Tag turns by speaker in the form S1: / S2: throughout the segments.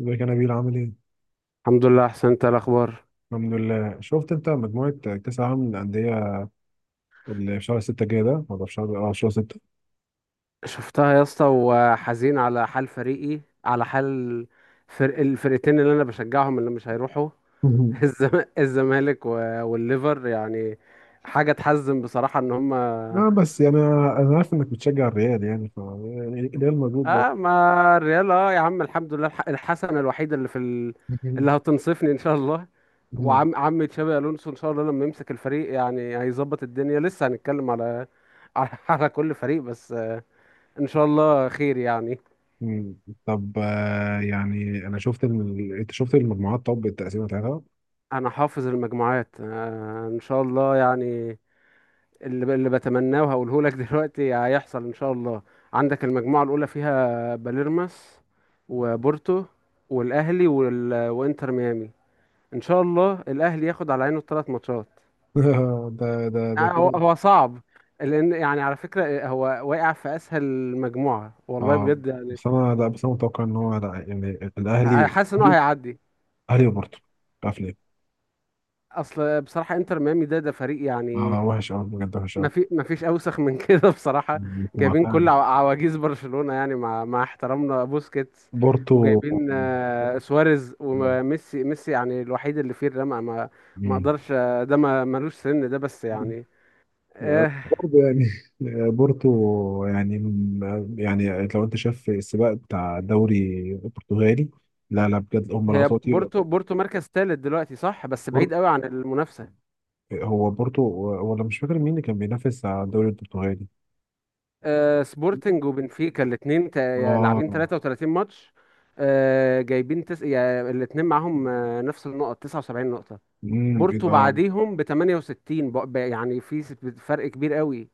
S1: ازيك يا نبيل عامل ايه؟
S2: الحمد لله، احسن. انت إيه الاخبار؟
S1: الحمد لله شفت انت مجموعة كأس العالم للأندية اللي في شهر ستة الجاي ده ولا في شهر شهر ستة.
S2: شفتها يا اسطى، وحزين على حال فريقي، على حال فرق الفرقتين اللي انا بشجعهم اللي مش هيروحوا.
S1: مهم.
S2: الزم... الزمالك والليفر يعني، حاجه تحزن بصراحه ان هم.
S1: اه بس يعني أنا عارف انك بتشجع الريال يعني يعني الريال موجود
S2: اه،
S1: برضه.
S2: ما الريال. اه يا عم، الحمد لله. الحسنه الوحيده اللي
S1: مهم.
S2: هتنصفني ان شاء الله.
S1: مهم.
S2: وعم عم تشابي الونسو ان شاء الله لما يمسك الفريق، يعني هيظبط الدنيا. لسه هنتكلم على على كل فريق، بس آه، ان شاء الله خير يعني.
S1: مم. طب يعني انا شفت انت شفت المجموعات، طب التقسيمة بتاعتها.
S2: انا حافظ المجموعات آه، ان شاء الله يعني. اللي بتمناه وهقوله لك دلوقتي هيحصل ان شاء الله. عندك المجموعه الاولى فيها باليرماس وبورتو والاهلي وانتر ميامي. ان شاء الله الاهلي ياخد على عينه الثلاث ماتشات.
S1: ده
S2: يعني هو
S1: كده.
S2: هو صعب، لان يعني على فكره آه، هو واقع في اسهل مجموعه والله
S1: اه
S2: بجد يعني.
S1: بس انا لا بس انا متوقع ان هو لا يعني الاهلي،
S2: حاسس ان هو هيعدي.
S1: اهلي وبورتو، مش عارف ليه.
S2: اصل بصراحه انتر ميامي ده فريق يعني،
S1: اه وحش قوي، بجد وحش
S2: ما فيش اوسخ من كده بصراحه. جايبين كل
S1: قوي
S2: عواجيز برشلونه، يعني مع احترامنا بوسكيتس،
S1: بورتو.
S2: وجايبين آه، سواريز وميسي. ميسي يعني الوحيد اللي فيه الرمق. ما
S1: مم.
S2: اقدرش آه، ده ما ملوش سن ده بس يعني آه.
S1: برضه يعني. بورتو يعني، يعني لو انت شايف السباق بتاع دوري البرتغالي، لا لا بجد هم
S2: هي
S1: العطاطي
S2: بورتو مركز ثالث دلوقتي، صح، بس بعيد
S1: بورتو.
S2: قوي عن المنافسه.
S1: هو بورتو، ولا مش فاكر مين اللي كان بينافس على الدوري البرتغالي.
S2: آه سبورتنج وبنفيكا الاثنين لاعبين
S1: اه.
S2: 33 ماتش، آه جايبين يعني الاثنين معاهم آه، نفس النقط، 79 نقطه.
S1: امم، ايه
S2: بورتو
S1: ده آه،.
S2: بعديهم ب 68 يعني فرق كبير قوي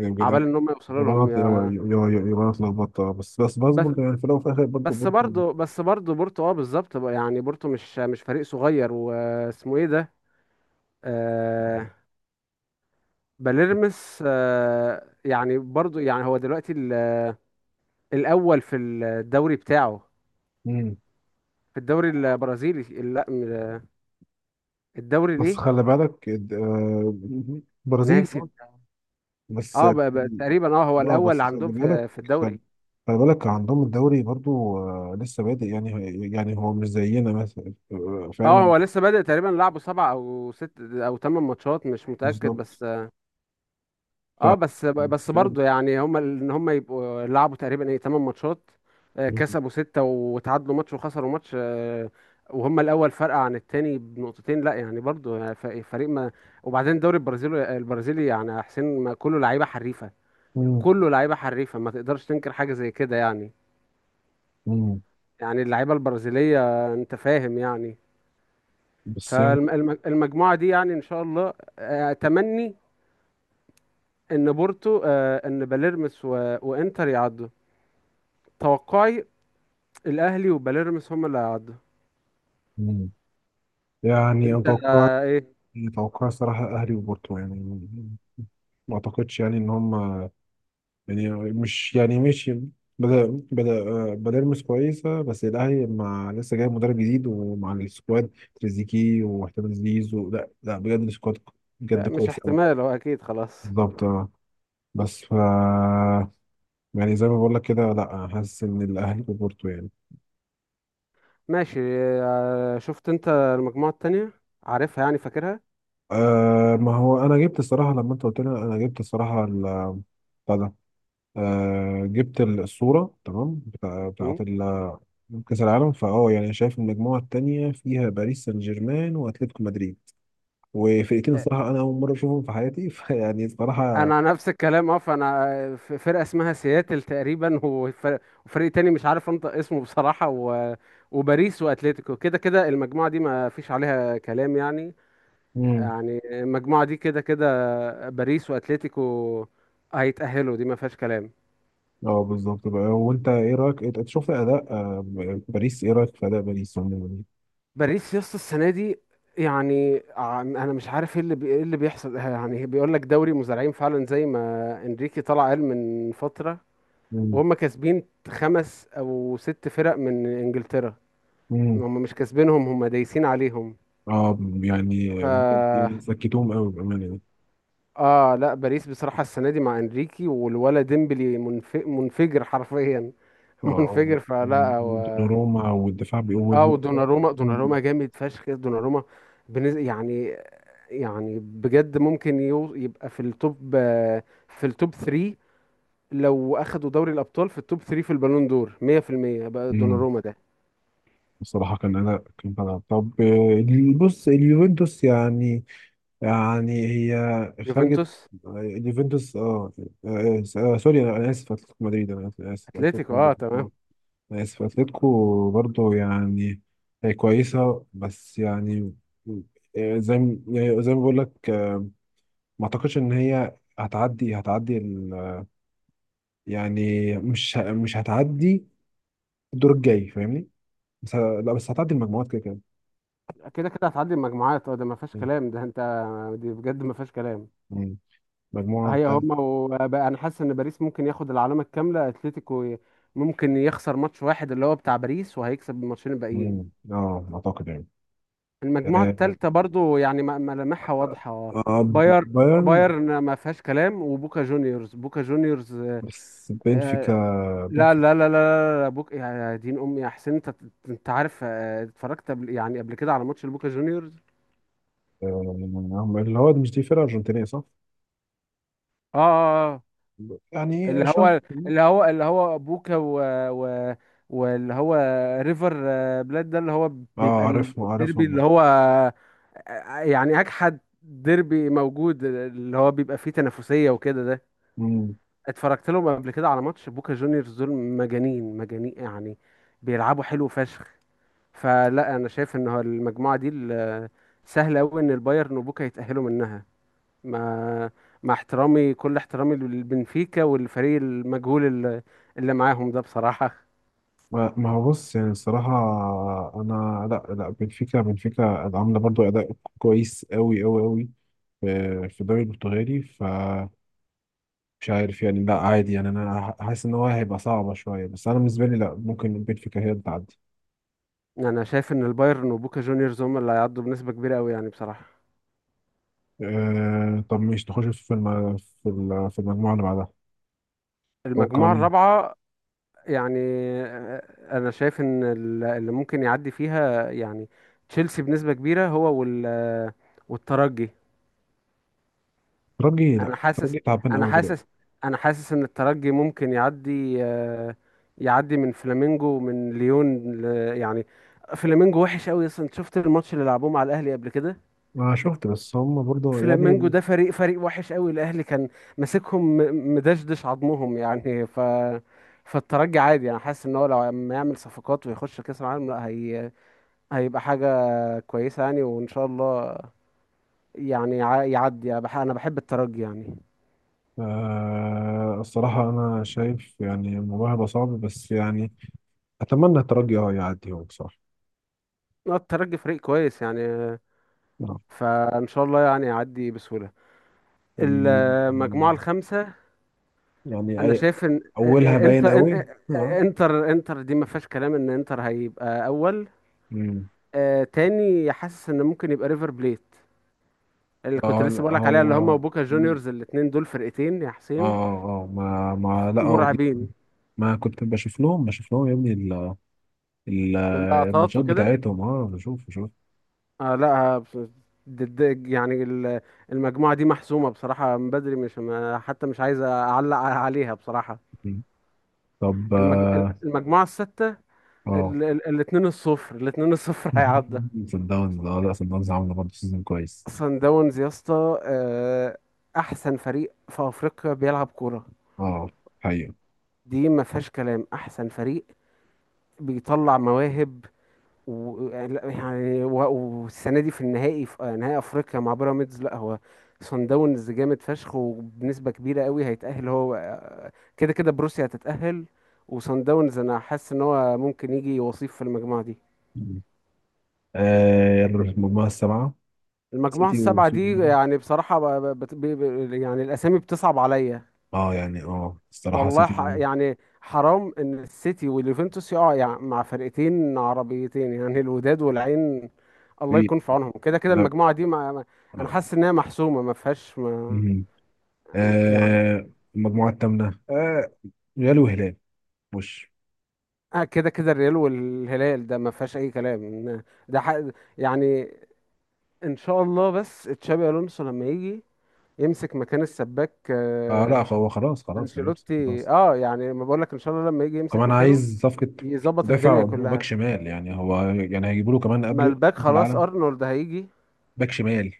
S1: إيه
S2: عبال
S1: بجد.
S2: ان هم يوصلوا
S1: يبقى
S2: لهم
S1: انا يبقى يبقى يبقى أنا اتلخبطت آه، بس
S2: بس
S1: برضه يعني في الاول وفي الاخر برضه
S2: بس
S1: بورتو.
S2: برضه بس برضه بورتو، اه بالظبط بقى، يعني بورتو مش فريق صغير. واسمه ايه ده؟ آه باليرمس. آه يعني برضه يعني هو دلوقتي الاول في الدوري بتاعه،
S1: مم.
S2: في الدوري البرازيلي. لا، الدوري
S1: بس
S2: ليه،
S1: خلي بالك آه، برازيل آه،
S2: ناسي.
S1: بس
S2: اه تقريبا اه هو
S1: لا بس
S2: الاول
S1: خلي
S2: عندهم
S1: بالك،
S2: في
S1: خلي,
S2: الدوري.
S1: خلي بالك عندهم الدوري برضو آه، لسه بادئ يعني. يعني هو مش زينا مثلا آه،
S2: اه
S1: فاهم.
S2: هو لسه بادئ تقريبا، لعبه سبع او ست او ثمان ماتشات مش متأكد.
S1: بالظبط.
S2: بس
S1: ف،
S2: اه بس
S1: لسه بادئ.
S2: برضه يعني هم ان هم يبقوا لعبوا تقريبا ايه ثمان ماتشات آه، كسبوا ستة وتعادلوا ماتش وخسروا ماتش آه، وهم الأول فرق عن التاني بنقطتين، لا يعني برضه يعني فريق ما. وبعدين الدوري البرازيلي، يعني يا حسين، ما كله لعيبة حريفة،
S1: مم.
S2: كله لعيبة حريفة. ما تقدرش تنكر حاجة زي كده يعني،
S1: مم.
S2: يعني اللعيبة البرازيلية آه، انت فاهم يعني.
S1: بس يعني.
S2: فالمجموعة دي يعني إن شاء الله آه، أتمني إن بورتو آه، إن باليرمس وإنتر يعدوا. توقعي الأهلي وباليرمس هم اللي هيعدوا.
S1: مم. يعني
S2: أنت
S1: اتوقع،
S2: آه، إيه؟
S1: اتوقع صراحة اهلي وبورتو يعني. ما اعتقدش يعني ان هم يعني، مش يعني ماشي. بدأ بدأ بدأ يلمس كويسة، بس الأهلي مع لسه جاي مدرب جديد ومع السكواد تريزيكي واحتمال زيزو، لا لا بجد السكواد بجد
S2: آه، مش
S1: كويس أوي.
S2: احتمال، هو أكيد، خلاص.
S1: بالظبط اه. بس ف يعني زي ما بقول لك كده، لا حاسس إن الأهلي وبورتو يعني.
S2: ماشي. آه، شفت أنت المجموعة التانية؟ عارفها يعني فاكرها.
S1: آه ما هو أنا جبت الصراحة لما أنت قلت لي، أنا جبت الصراحة بتاع ده، آه جبت الصورة تمام
S2: مم.
S1: بتاعت كأس العالم. فأه يعني شايف المجموعة التانية فيها باريس سان جيرمان وأتلتيكو مدريد وفرقتين
S2: آه،
S1: الصراحة أنا أول مرة أشوفهم في حياتي. فيعني الصراحة.
S2: أنا نفس الكلام، أه فأنا آه، في فرقة اسمها سياتل تقريبا، وفريق تاني مش عارف أنطق اسمه بصراحة وباريس وأتليتيكو. كده كده المجموعة دي ما فيش عليها كلام يعني.
S1: مم.
S2: يعني المجموعة دي كده كده باريس واتلتيكو هيتأهلوا، دي ما فيهاش كلام.
S1: اه بالظبط بقى، وأنت إيه رأيك، إنت شفت أداء آه، باريس؟ إيه رأيك في أداء باريس عموما؟
S2: باريس يا اسطى، السنة دي يعني انا مش عارف ايه ايه اللي بيحصل. يعني بيقول لك دوري مزارعين فعلا، زي ما انريكي طلع قال من فترة.
S1: مم.
S2: وهم كاسبين خمس او ست فرق من انجلترا،
S1: مم.
S2: هم مش كاسبينهم، هم دايسين عليهم.
S1: اه يعني،
S2: ف
S1: يعني سكتوهم قوي بأمانة يعني.
S2: اه لا باريس بصراحة السنة دي مع انريكي والولا ديمبلي، منفجر حرفيا،
S1: اه آه.
S2: منفجر. فلا
S1: روما والدفاع
S2: اه،
S1: بيقول.
S2: ودوناروما. دوناروما جامد فشخ. دوناروما يعني، يعني بجد ممكن يبقى في التوب آه، في التوب 3. لو اخدوا دوري الابطال في التوب 3 في البالون دور 100% بقى،
S1: مم.
S2: دوناروما ده.
S1: بصراحة كان أنا طب آه، بص اليوفنتوس يعني، يعني هي خرجت
S2: يوفنتوس.
S1: آه، اليوفنتوس اه آه، آه، سوري أنا آسف أتلتيكو مدريد، أنا آسف آسف،
S2: اتلتيكو،
S1: أتلتيكو
S2: اه
S1: مدريد
S2: تمام.
S1: آه، أنا آسف أتلتيكو برضه يعني، هي كويسة بس يعني آه، زي ما- يعني زي ما بقول لك آه، ما أعتقدش إن هي هتعدي يعني مش هتعدي الدور الجاي فاهمني؟ لا بس هتعدي المجموعات كده كده.
S2: كده كده هتعدي المجموعات، اه ده ما فيهاش كلام، ده انت دي بجد ما فيهاش كلام.
S1: مم. مجموعة.
S2: هي هما. وبقى انا حاسس ان باريس ممكن ياخد العلامه الكامله، اتلتيكو ممكن يخسر ماتش واحد اللي هو بتاع باريس، وهيكسب الماتشين الباقيين.
S1: مم. اه اعتقد يعني.
S2: المجموعة
S1: آه
S2: الثالثة برضو يعني ملامحها واضحة.
S1: آه، بايرن.
S2: بايرن ما فيهاش كلام، وبوكا جونيورز. بوكا جونيورز
S1: بس بنفيكا،
S2: آه، لا
S1: بنفيكا
S2: لا لا لا لا لا. بوك يا دين امي يا حسين، انت عارف آه، اتفرجت قبل يعني قبل كده على ماتش البوكا جونيورز؟
S1: آه، اللي هو مش دي فرقة أرجنتينية صح؟
S2: اه اه اه آه.
S1: يعني
S2: اللي
S1: أشوف.
S2: هو اللي هو بوكا و, و واللي هو ريفر آه، بلاد ده اللي هو
S1: اه
S2: بيبقى
S1: عارفهم
S2: الديربي
S1: عارفهم
S2: اللي هو آه، آه، يعني اجحد. ديربي موجود اللي هو بيبقى فيه تنافسية وكده ده.
S1: مم.
S2: اتفرجت لهم قبل كده على ماتش بوكا جونيورز. دول مجانين مجانين يعني، بيلعبوا حلو فشخ. فلا انا شايف ان هو المجموعه دي سهل قوي ان البايرن وبوكا يتاهلوا منها، مع احترامي، كل احترامي للبنفيكا والفريق المجهول اللي معاهم ده بصراحه.
S1: ما ما هو بص يعني الصراحة، أنا لا لا بنفيكا، بنفيكا عاملة برضو أداء كويس أوي أوي أوي في الدوري البرتغالي، فمش عارف يعني، لا عادي يعني، أنا حاسس إن هو هيبقى صعبة شوية، بس أنا بالنسبة لي لا، ممكن بنفيكا هي اللي تعدي.
S2: انا شايف ان البايرن وبوكا جونيورز هم اللي هيعدوا بنسبه كبيره قوي يعني بصراحه.
S1: آه طب مش نخش في في في المجموعة اللي بعدها. توقع
S2: المجموعه
S1: مين؟
S2: الرابعه، يعني انا شايف ان اللي ممكن يعدي فيها يعني تشيلسي بنسبة كبيرة، هو والترجي.
S1: ترجي، لا
S2: انا حاسس
S1: ترجي تعبان
S2: انا
S1: قوي
S2: حاسس
S1: دلوقتي.
S2: انا حاسس ان الترجي ممكن يعدي آه، يعدي من فلامينجو ومن ليون يعني. فلامينجو وحش قوي اصلا، أنت شفت الماتش اللي لعبوه مع الاهلي قبل كده؟
S1: أنا شفت بس هم برضه
S2: فلامينجو
S1: يعني.
S2: ده فريق وحش قوي، الاهلي كان ماسكهم مدشدش عظمهم، يعني فالترجي عادي. انا حاسس ان هو لو ما يعمل صفقات ويخش كاس العالم، لا هي هيبقى حاجة كويسة يعني، وإن شاء الله يعني يعدي. أنا بحب الترجي يعني
S1: آه الصراحة أنا شايف يعني الموضوع هيبقى صعب، بس يعني أتمنى الترجي أه يعدي هو بصراحة.
S2: آه، الترجي فريق كويس يعني آه،
S1: آه.
S2: فإن شاء الله يعني يعدي بسهولة. المجموعة
S1: ال-.
S2: الخامسة.
S1: يعني
S2: أنا
S1: أي.
S2: شايف إن آه،
S1: أولها
S2: آه،
S1: باين
S2: إنتر
S1: قوي
S2: آه، آه،
S1: أه.
S2: إنتر، إنتر دي ما فيهاش كلام. إن إنتر هيبقى أول
S1: مم.
S2: آه، تاني حاسس إن ممكن يبقى ريفر بليت اللي كنت
S1: أه لا
S2: لسه بقولك عليها. اللي
S1: هو
S2: هما
S1: أه.
S2: وبوكا جونيورز الاتنين دول فرقتين يا
S1: أه
S2: حسين،
S1: آه، ما ما لا هو دي.
S2: مرعبين.
S1: ما كنت بشوف لهم يا ابني ال-
S2: اللقطات
S1: الماتشات
S2: وكده.
S1: بتاعتهم، اه بشوف.
S2: آه لا ضد يعني المجموعة دي محسومة بصراحة من بدري، مش حتى مش عايز أعلق عليها بصراحة.
S1: طب
S2: المج...
S1: اه.
S2: المجموعة الستة.
S1: آه.
S2: الاتنين الصفر، الاتنين الصفر هيعدى.
S1: صن داونز، اه لا صن داونز عامله برضه سيزون كويس.
S2: صن داونز يا اسطى آه، أحسن فريق في أفريقيا بيلعب كورة.
S1: اه. حقيقة.
S2: دي ما فيهاش كلام، أحسن فريق بيطلع مواهب، و لا، يعني والسنه دي في النهائي، في نهائي افريقيا مع بيراميدز. لا هو صن داونز جامد فشخ، وبنسبه كبيره قوي هيتاهل. هو كده كده بروسيا هتتاهل، وصن داونز انا حاسس ان هو ممكن يجي وصيف في المجموعه دي.
S1: آه المجموعة السبعة،
S2: المجموعه
S1: سيتي و،
S2: السبعه دي يعني بصراحه ب... ب... بت- ب... ب- يعني الاسامي بتصعب عليا.
S1: اه يعني اه الصراحة
S2: والله
S1: سيتي و-.
S2: يعني حرام ان السيتي واليوفنتوس يقعوا يعني مع فرقتين عربيتين يعني الوداد والعين. الله
S1: إيه،.
S2: يكون في عونهم. كده كده
S1: لا.
S2: المجموعه دي انا
S1: لا.
S2: حاسس انها محسومه، ما فيهاش ما...
S1: مم.
S2: يعني.
S1: آه المجموعة الثامنة آه، ريال وهلال وش.
S2: آه كده كده الريال والهلال ده ما فيهاش اي كلام. إن ده يعني، ان شاء الله بس تشابي الونسو لما يجي يمسك مكان السباك
S1: اه لا هو خلاص خلاص يعني.
S2: انشيلوتي.
S1: خلاص.
S2: اه يعني ما بقول لك، ان شاء الله لما يجي يمسك
S1: كمان
S2: مكانه
S1: عايز صفقة
S2: يظبط
S1: مدافع
S2: الدنيا
S1: وباك
S2: كلها.
S1: شمال يعني، هو يعني هيجيبوا له كمان
S2: ما
S1: قبل
S2: الباك
S1: كأس
S2: خلاص
S1: العالم.
S2: ارنولد هيجي.
S1: باك شمال.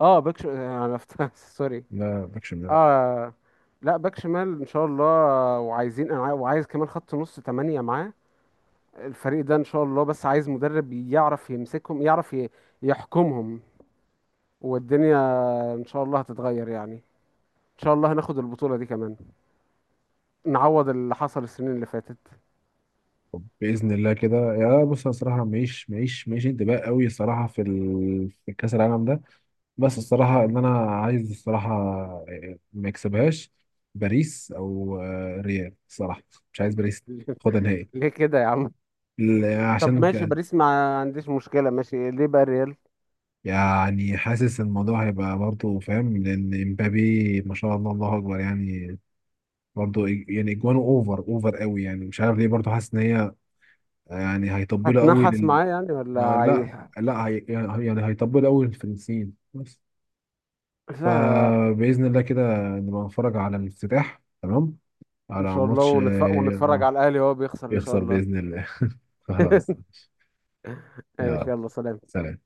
S2: اه باك ش... آه، انا فت- سوري.
S1: لا باك شمال.
S2: اه لا باك شمال ان شاء الله. وعايزين انا عاي- وعايز كمان خط نص تمانية معاه. الفريق ده ان شاء الله، بس عايز مدرب يعرف يمسكهم، يعرف يحكمهم، والدنيا ان شاء الله هتتغير يعني. ان شاء الله هناخد البطولة دي كمان، نعوض اللي حصل السنين اللي فاتت.
S1: طب بإذن الله كده يا بص، أنا الصراحة ماليش انتباه قوي الصراحة في في كأس العالم ده. بس الصراحة إن أنا عايز الصراحة آه، ما يكسبهاش باريس، أو آه، ريال الصراحة. مش عايز باريس تاخدها نهائي.
S2: ليه كده يا عم؟ طب
S1: عشان
S2: ماشي باريس ما عنديش مشكلة. ماشي، ليه بقى الريال
S1: يعني حاسس الموضوع هيبقى برضه فاهم، لأن امبابي ما شاء الله الله أكبر يعني، برضه يعني اجوانه اوفر قوي يعني، مش عارف ليه برضه حاسس ان هي يعني هيطبلوا قوي
S2: هتنحس
S1: لل.
S2: معاه يعني ولا
S1: آه لا، لا هي يعني، يعني هيطبلوا قوي للفرنسيين بس.
S2: لا. لا،
S1: فباذن الله كده نبقى نتفرج على الافتتاح تمام،
S2: ان
S1: على
S2: شاء الله
S1: ماتش اه
S2: ونتفرج
S1: آه،
S2: على الاهلي وهو بيخسر ان شاء
S1: يخسر
S2: الله.
S1: باذن الله. خلاص.
S2: ماشي،
S1: يلا
S2: يلا سلام.
S1: سلام.